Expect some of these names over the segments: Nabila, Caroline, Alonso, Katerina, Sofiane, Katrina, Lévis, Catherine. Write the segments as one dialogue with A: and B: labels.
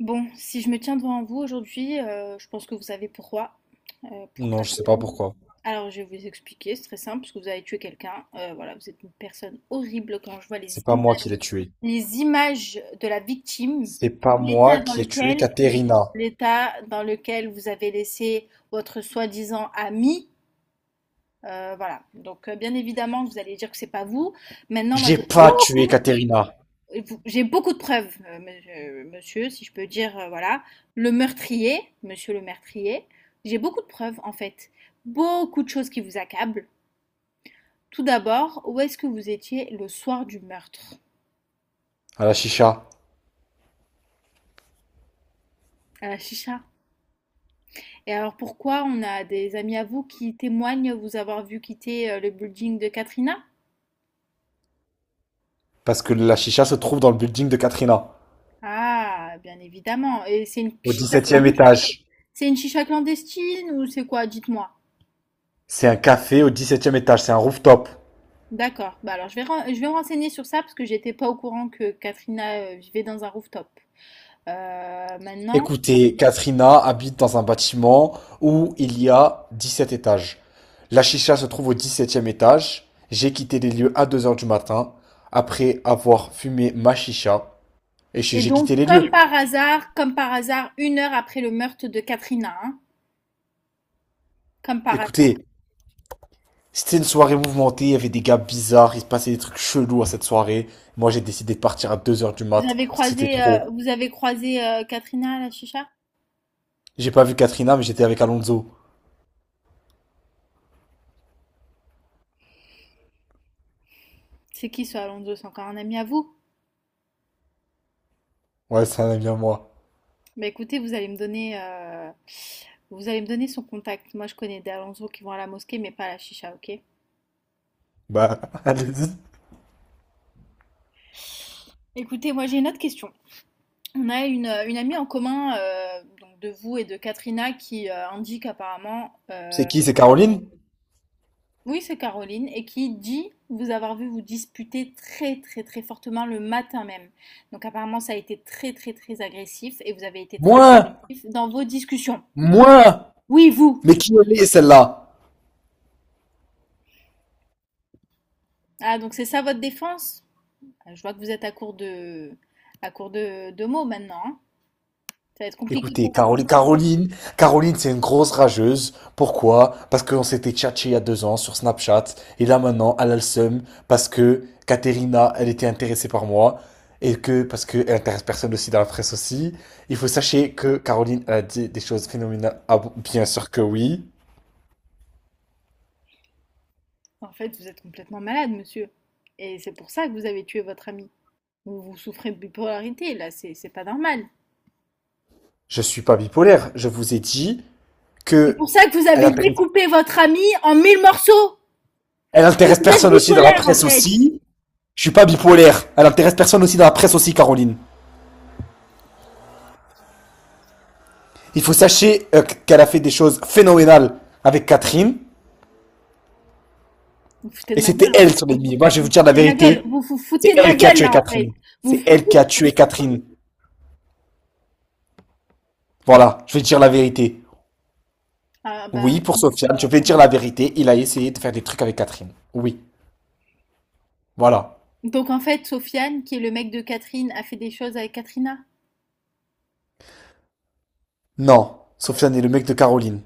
A: Bon, si je me tiens devant vous aujourd'hui, je pense que vous savez pourquoi. Heu, pour
B: Non,
A: quelle
B: je sais pas
A: raison?
B: pourquoi.
A: Alors je vais vous expliquer, c'est très simple, parce que vous avez tué quelqu'un. Voilà, vous êtes une personne horrible quand je vois
B: C'est pas moi qui l'ai tué.
A: les images de la victime,
B: C'est pas
A: l'état
B: moi
A: dans
B: qui ai tué
A: lequel
B: Katerina.
A: l'état dans lequel vous avez laissé votre soi-disant ami. Voilà, donc bien évidemment que vous allez dire que c'est pas vous. Maintenant moi
B: J'ai pas tué Katerina
A: j'ai beaucoup de preuves, monsieur, si je peux dire, voilà. Le meurtrier, monsieur le meurtrier, j'ai beaucoup de preuves en fait. Beaucoup de choses qui vous accablent. Tout d'abord, où est-ce que vous étiez le soir du meurtre?
B: à la chicha.
A: À la chicha. Et alors pourquoi on a des amis à vous qui témoignent vous avoir vu quitter le building de Katrina?
B: Parce que la chicha se trouve dans le building de Katrina.
A: Ah, bien évidemment. Et c'est une
B: Au
A: chicha
B: 17e
A: clandestine?
B: étage.
A: C'est une chicha clandestine ou c'est quoi? Dites-moi.
B: C'est un café au 17e étage. C'est un rooftop.
A: D'accord. Bah, alors je vais me renseigner sur ça parce que j'étais pas au courant que Katrina vivait dans un rooftop. Maintenant.
B: Écoutez, Katrina habite dans un bâtiment où il y a 17 étages. La chicha se trouve au 17e étage. J'ai quitté les lieux à 2 heures du matin après avoir fumé ma chicha et j'ai
A: Et
B: j'ai
A: donc,
B: quitté les lieux.
A: comme par hasard, une heure après le meurtre de Katrina, hein, comme par hasard.
B: Écoutez, c'était une soirée mouvementée, il y avait des gars bizarres, il se passait des trucs chelous à cette soirée. Moi, j'ai décidé de partir à 2 heures du mat, parce que c'était trop.
A: Vous avez croisé Katrina à la chicha?
B: J'ai pas vu Katrina, mais j'étais avec Alonso.
A: C'est qui ce Alonso? C'est encore un ami à vous?
B: Ouais, c'est un ami à moi.
A: Bah écoutez, vous allez me donner son contact. Moi, je connais des Alonso qui vont à la mosquée, mais pas à la chicha, ok?
B: Bah, allez-y.
A: Écoutez, moi j'ai une autre question. On a une amie en commun donc de vous et de Katrina qui indique apparemment,
B: C'est qui, c'est Caroline?
A: oui c'est Caroline, et qui dit vous avoir vu vous disputer très très très fortement le matin même. Donc apparemment ça a été très très très agressif et vous avez été très
B: Moi!
A: agressif dans vos discussions.
B: Moi!
A: Oui, vous.
B: Mais qui elle est, celle-là?
A: Ah donc c'est ça votre défense? Ah, je vois que vous êtes à court de mots maintenant, hein. Ça va être compliqué
B: Écoutez,
A: pour vous.
B: Caroline, Caroline, Caroline, c'est une grosse rageuse. Pourquoi? Parce qu'on s'était tchatché il y a 2 ans sur Snapchat. Et là, maintenant, elle a le seum parce que Katerina, elle était intéressée par moi. Et que, parce qu'elle intéresse personne aussi dans la presse aussi. Il faut sachez que Caroline, elle a dit des choses phénoménales. Ah bon, bien sûr que oui.
A: En fait, vous êtes complètement malade, monsieur. Et c'est pour ça que vous avez tué votre ami. Vous souffrez de bipolarité, là, c'est pas normal.
B: Je suis pas bipolaire. Je vous ai dit
A: C'est
B: que
A: pour ça que vous
B: elle
A: avez
B: intéresse,
A: découpé votre ami en mille morceaux.
B: elle
A: Vous
B: intéresse
A: êtes
B: personne aussi dans la
A: bipolaire, en
B: presse
A: fait.
B: aussi. Je suis pas bipolaire. Elle intéresse personne aussi dans la presse aussi, Caroline. Il faut sachez qu'elle a fait des choses phénoménales avec Catherine.
A: Vous vous foutez
B: Et
A: de ma
B: c'était
A: gueule, hein.
B: elle son ennemi. Moi, je vais
A: Vous
B: vous
A: vous
B: dire la
A: foutez de ma gueule.
B: vérité.
A: Vous vous
B: C'est
A: foutez de ma
B: elle qui a
A: gueule,
B: tué
A: là, en fait.
B: Catherine.
A: Vous
B: C'est
A: vous
B: elle
A: foutez.
B: qui a tué Catherine. Voilà, je vais dire la vérité.
A: Ah, bah,
B: Oui, pour Sofiane, je vais dire la vérité. Il a essayé de faire des trucs avec Catherine. Oui, voilà.
A: donc, en fait, Sofiane, qui est le mec de Catherine, a fait des choses avec Katrina.
B: Non, Sofiane est le mec de Caroline.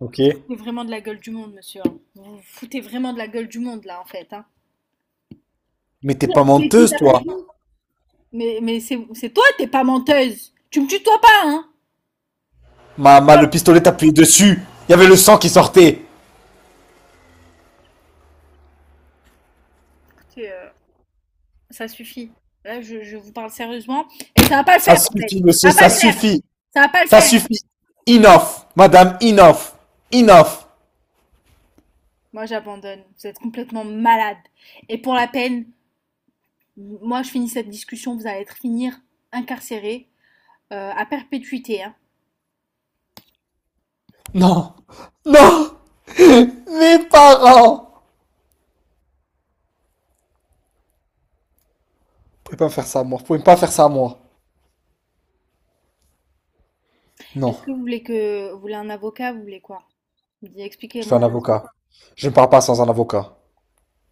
B: Ok.
A: Vous foutez vraiment de la gueule du monde, monsieur, hein. Vous vous foutez vraiment de la gueule du monde, là, en fait, hein.
B: Mais t'es
A: Qui a
B: pas
A: tué qui,
B: menteuse,
A: d'après
B: toi.
A: vous? Mais c'est toi, t'es pas menteuse. Tu me tutoies pas, hein. Ah,
B: Le pistolet t'a appuyé dessus. Il y avait le sang qui sortait.
A: écoutez, ça suffit. Là, je vous parle sérieusement. Et ça va pas le
B: Ça
A: faire, en fait.
B: suffit, monsieur,
A: Ça va pas
B: ça
A: le faire.
B: suffit.
A: Ça va pas le
B: Ça
A: faire.
B: suffit. Enough, madame, enough. Enough.
A: Moi, j'abandonne. Vous êtes complètement malade. Et pour la peine, moi, je finis cette discussion. Vous allez être finir incarcéré à perpétuité, hein.
B: Non. Non. Mes parents. Vous pouvez pas me faire ça à moi. Vous pouvez pas faire ça à moi. Non.
A: Est-ce que vous voulez un avocat? Vous voulez quoi? Vous dites,
B: Je fais
A: expliquez-moi.
B: un avocat. Je ne parle pas sans un avocat.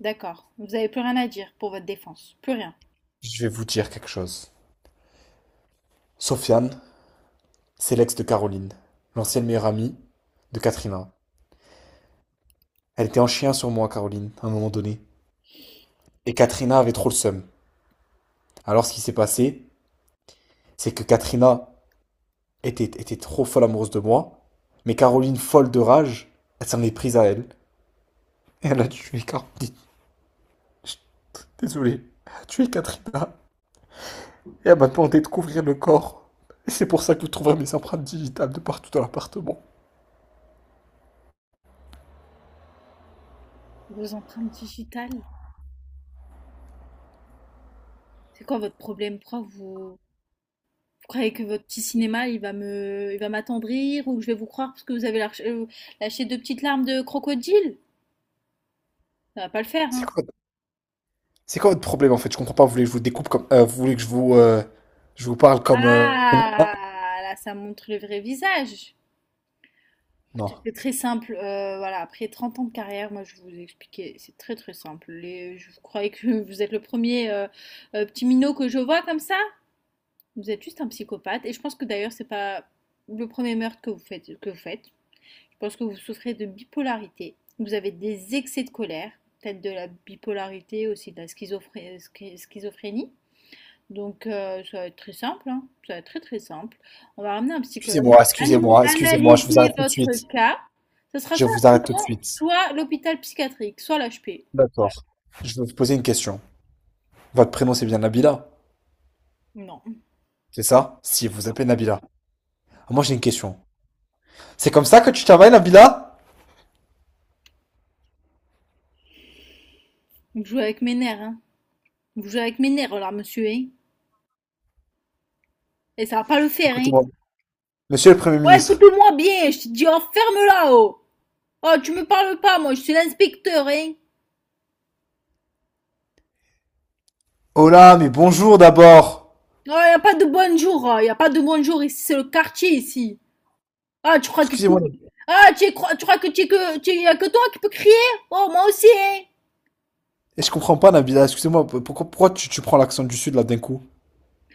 A: D'accord. Vous avez plus rien à dire pour votre défense. Plus rien.
B: Je vais vous dire quelque chose. Sofiane, c'est l'ex de Caroline, l'ancienne meilleure amie de Katrina. Elle était en chien sur moi, Caroline, à un moment donné. Et Katrina avait trop le seum. Alors ce qui s'est passé, c'est que Katrina était trop folle amoureuse de moi, mais Caroline, folle de rage, elle s'en est prise à elle. Et elle a tué Caroline. Je désolé, tu es Katrina et elle m'a demandé de couvrir le corps. Et c'est pour ça que vous trouverez mes empreintes digitales de partout dans l'appartement.
A: Vos empreintes digitales. C'est quoi votre problème? Pourquoi vous? Vous croyez que votre petit cinéma, il va m'attendrir ou que je vais vous croire parce que vous avez lâché deux petites larmes de crocodile? Ça va pas le faire, hein.
B: C'est quoi, c'est quoi votre problème en fait? Je comprends pas, vous voulez que je vous découpe comme, vous voulez que je vous, je vous parle comme,
A: Ah, là, ça montre le vrai visage. Écoutez,
B: non.
A: c'est très simple. Voilà, après 30 ans de carrière, moi, je vous ai expliqué, c'est très très simple. Les, je vous croyais que vous êtes le premier petit minot que je vois comme ça. Vous êtes juste un psychopathe. Et je pense que d'ailleurs, c'est pas le premier meurtre que vous faites, parce que vous souffrez de bipolarité, vous avez des excès de colère, peut-être de la bipolarité aussi, de la schizophrénie. Donc ça va être très simple, hein, ça va être très très simple. On va ramener un psychologue
B: Excusez-moi, excusez-moi, excusez-moi, je vous
A: Analyser
B: arrête tout de
A: votre
B: suite.
A: cas. Ce sera
B: Je
A: soit
B: vous
A: la
B: arrête tout de
A: prison,
B: suite.
A: soit l'hôpital psychiatrique, soit l'HP.
B: D'accord. Je vais vous poser une question. Votre prénom c'est bien Nabila,
A: Non.
B: c'est ça? Si,
A: Non.
B: vous appelez Nabila. Ah, moi
A: Ok.
B: j'ai une question. C'est comme ça que tu travailles, Nabila?
A: Vous jouez avec mes nerfs, hein. Vous jouez avec mes nerfs, là, monsieur, hein. Et ça va pas le faire, hein.
B: Écoutez-moi. Monsieur le Premier
A: Ouais,
B: ministre.
A: écoute-moi bien, je te dis, enferme là-haut. Oh, tu me parles pas, moi, je suis l'inspecteur, hein.
B: Oh là, mais bonjour d'abord.
A: Ah, y a pas de bonjour, hein. Y a pas de bonjour ici, c'est le quartier ici. Ah, tu crois que tu,
B: Excusez-moi,
A: ah, tu crois que tu y a que toi qui peux crier? Oh, moi aussi, hein.
B: et je comprends pas, Nabila. Excusez-moi, pourquoi, pourquoi tu prends l'accent du sud là d'un coup?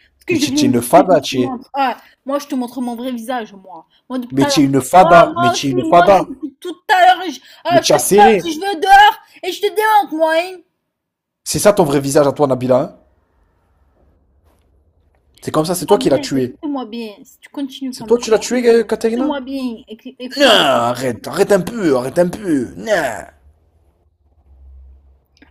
A: Est
B: Mais
A: que je
B: tu es
A: viens,
B: une fada,
A: je te
B: tu es,
A: montre. Ah, moi, je te montre mon vrai visage, moi. Moi, depuis tout
B: mais
A: à
B: tu es
A: l'heure.
B: une
A: Oh,
B: fada, mais tu es une
A: moi aussi,
B: fada,
A: depuis tout à l'heure, ah,
B: mais
A: je
B: tu
A: te
B: as
A: parle
B: serré.
A: si je veux dehors et je te démontre, moi, hein.
B: C'est ça ton vrai visage à toi, Nabila, hein? C'est comme ça, c'est toi
A: Écoute-moi
B: qui l'as
A: bien,
B: tué.
A: écoute-moi bien. Si tu continues
B: C'est
A: comme
B: toi tu
A: ça,
B: l'as tué, Katerina?
A: écoute-moi bien,
B: Non,
A: écoute-moi.
B: arrête, arrête un peu, non.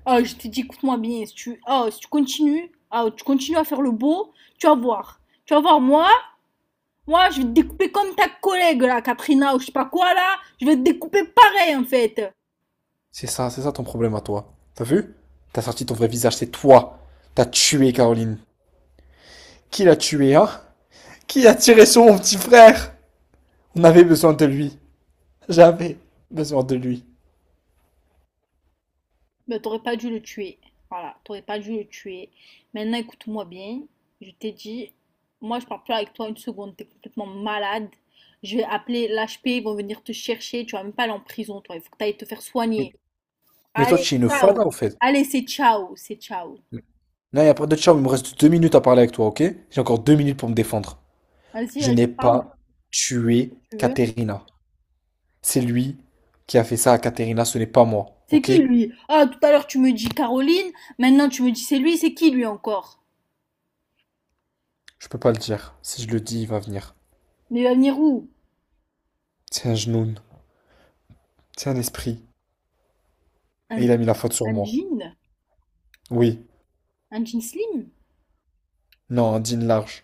A: Ah, je te dis, écoute-moi bien, si tu, ah, si tu continues, ah, tu continues à faire le beau, tu vas voir. Tu vas voir, moi, je vais te découper comme ta collègue, là, Katrina, ou je sais pas quoi, là. Je vais te découper pareil, en fait.
B: C'est ça ton problème à toi. T'as vu? T'as sorti ton vrai visage, c'est toi. T'as tué Caroline. Qui l'a tué, hein? Qui a tiré sur mon petit frère? On avait besoin de lui. J'avais besoin de lui.
A: Ben, t'aurais pas dû le tuer. Voilà, t'aurais pas dû le tuer. Maintenant, écoute-moi bien. Je t'ai dit, moi, je parle plus avec toi une seconde. T'es complètement malade. Je vais appeler l'HP, ils vont venir te chercher. Tu vas même pas aller en prison, toi. Il faut que t'ailles te faire soigner.
B: Mais toi,
A: Allez,
B: tu es une
A: ciao.
B: fada en fait.
A: Allez, c'est ciao, c'est ciao.
B: Là, il n'y a pas de chat, il me reste 2 minutes à parler avec toi, ok? J'ai encore 2 minutes pour me défendre.
A: Vas-y,
B: Je
A: vas-y,
B: n'ai
A: parle.
B: pas
A: Si
B: tué
A: tu veux.
B: Katerina. C'est lui qui a fait ça à Katerina, ce n'est pas moi,
A: C'est
B: ok?
A: qui lui? Ah, tout à l'heure tu me dis Caroline, maintenant tu me dis c'est lui, c'est qui lui encore?
B: Je peux pas le dire. Si je le dis, il va venir.
A: Mais il va venir où?
B: C'est un genoun, c'est un esprit. Et
A: Un,
B: il a mis la faute sur
A: un
B: moi.
A: jean?
B: Oui,
A: Un jean slim?
B: non, un jean large,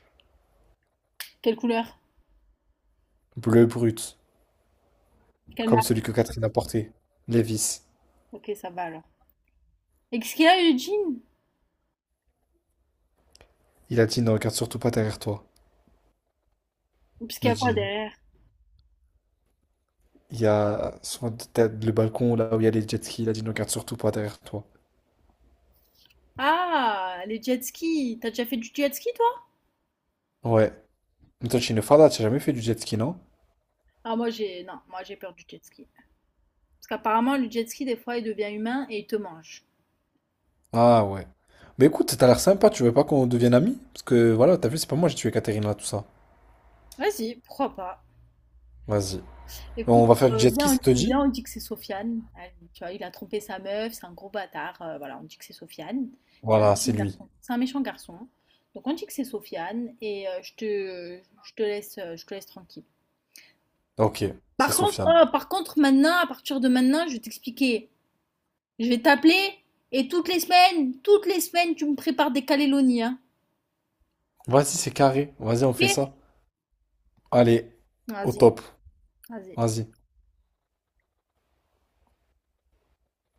A: Quelle couleur?
B: bleu brut,
A: Quelle
B: comme celui
A: marque?
B: que Katerina portait. Lévis.
A: Ok, ça va alors. Et qu'est-ce qu'il a le jean?
B: Il a dit ne regarde surtout pas derrière toi,
A: Parce qu'il y
B: le
A: a quoi
B: jean.
A: derrière?
B: Il y a sur t'as le balcon là où il y a les jet skis. Il a dit ne regarde surtout pas derrière toi.
A: Ah, les jet skis. T'as déjà fait du jet ski toi?
B: Ouais. Mais toi, tu es une farda, t'as jamais fait du jet ski, non?
A: Ah, moi j'ai. Non, moi j'ai peur du jet ski. Parce qu'apparemment le jet ski des fois il devient humain et il te mange.
B: Ah ouais. Mais écoute, t'as l'air sympa, tu veux pas qu'on devienne amis? Parce que voilà, t'as vu, c'est pas moi, j'ai tué Catherine là, tout ça.
A: Vas-y, pourquoi pas?
B: Vas-y. On
A: Écoute,
B: va faire du jet ski, ça te dit?
A: viens, on dit que c'est Sofiane. Allez, tu vois, il a trompé sa meuf, c'est un gros bâtard. Voilà, on dit que c'est Sofiane. C'est un
B: Voilà,
A: méchant
B: c'est lui.
A: garçon. C'est un méchant garçon. Donc on dit que c'est Sofiane et je te laisse tranquille.
B: Ok, c'est
A: Par contre,
B: Sofiane.
A: oh, par contre, maintenant, à partir de maintenant, je vais t'expliquer. Je vais t'appeler et toutes les semaines, tu me prépares des calélonies, hein.
B: Vas-y, c'est carré. Vas-y, on fait
A: Ok.
B: ça. Allez, au
A: Vas-y,
B: top.
A: vas-y.
B: Vas-y.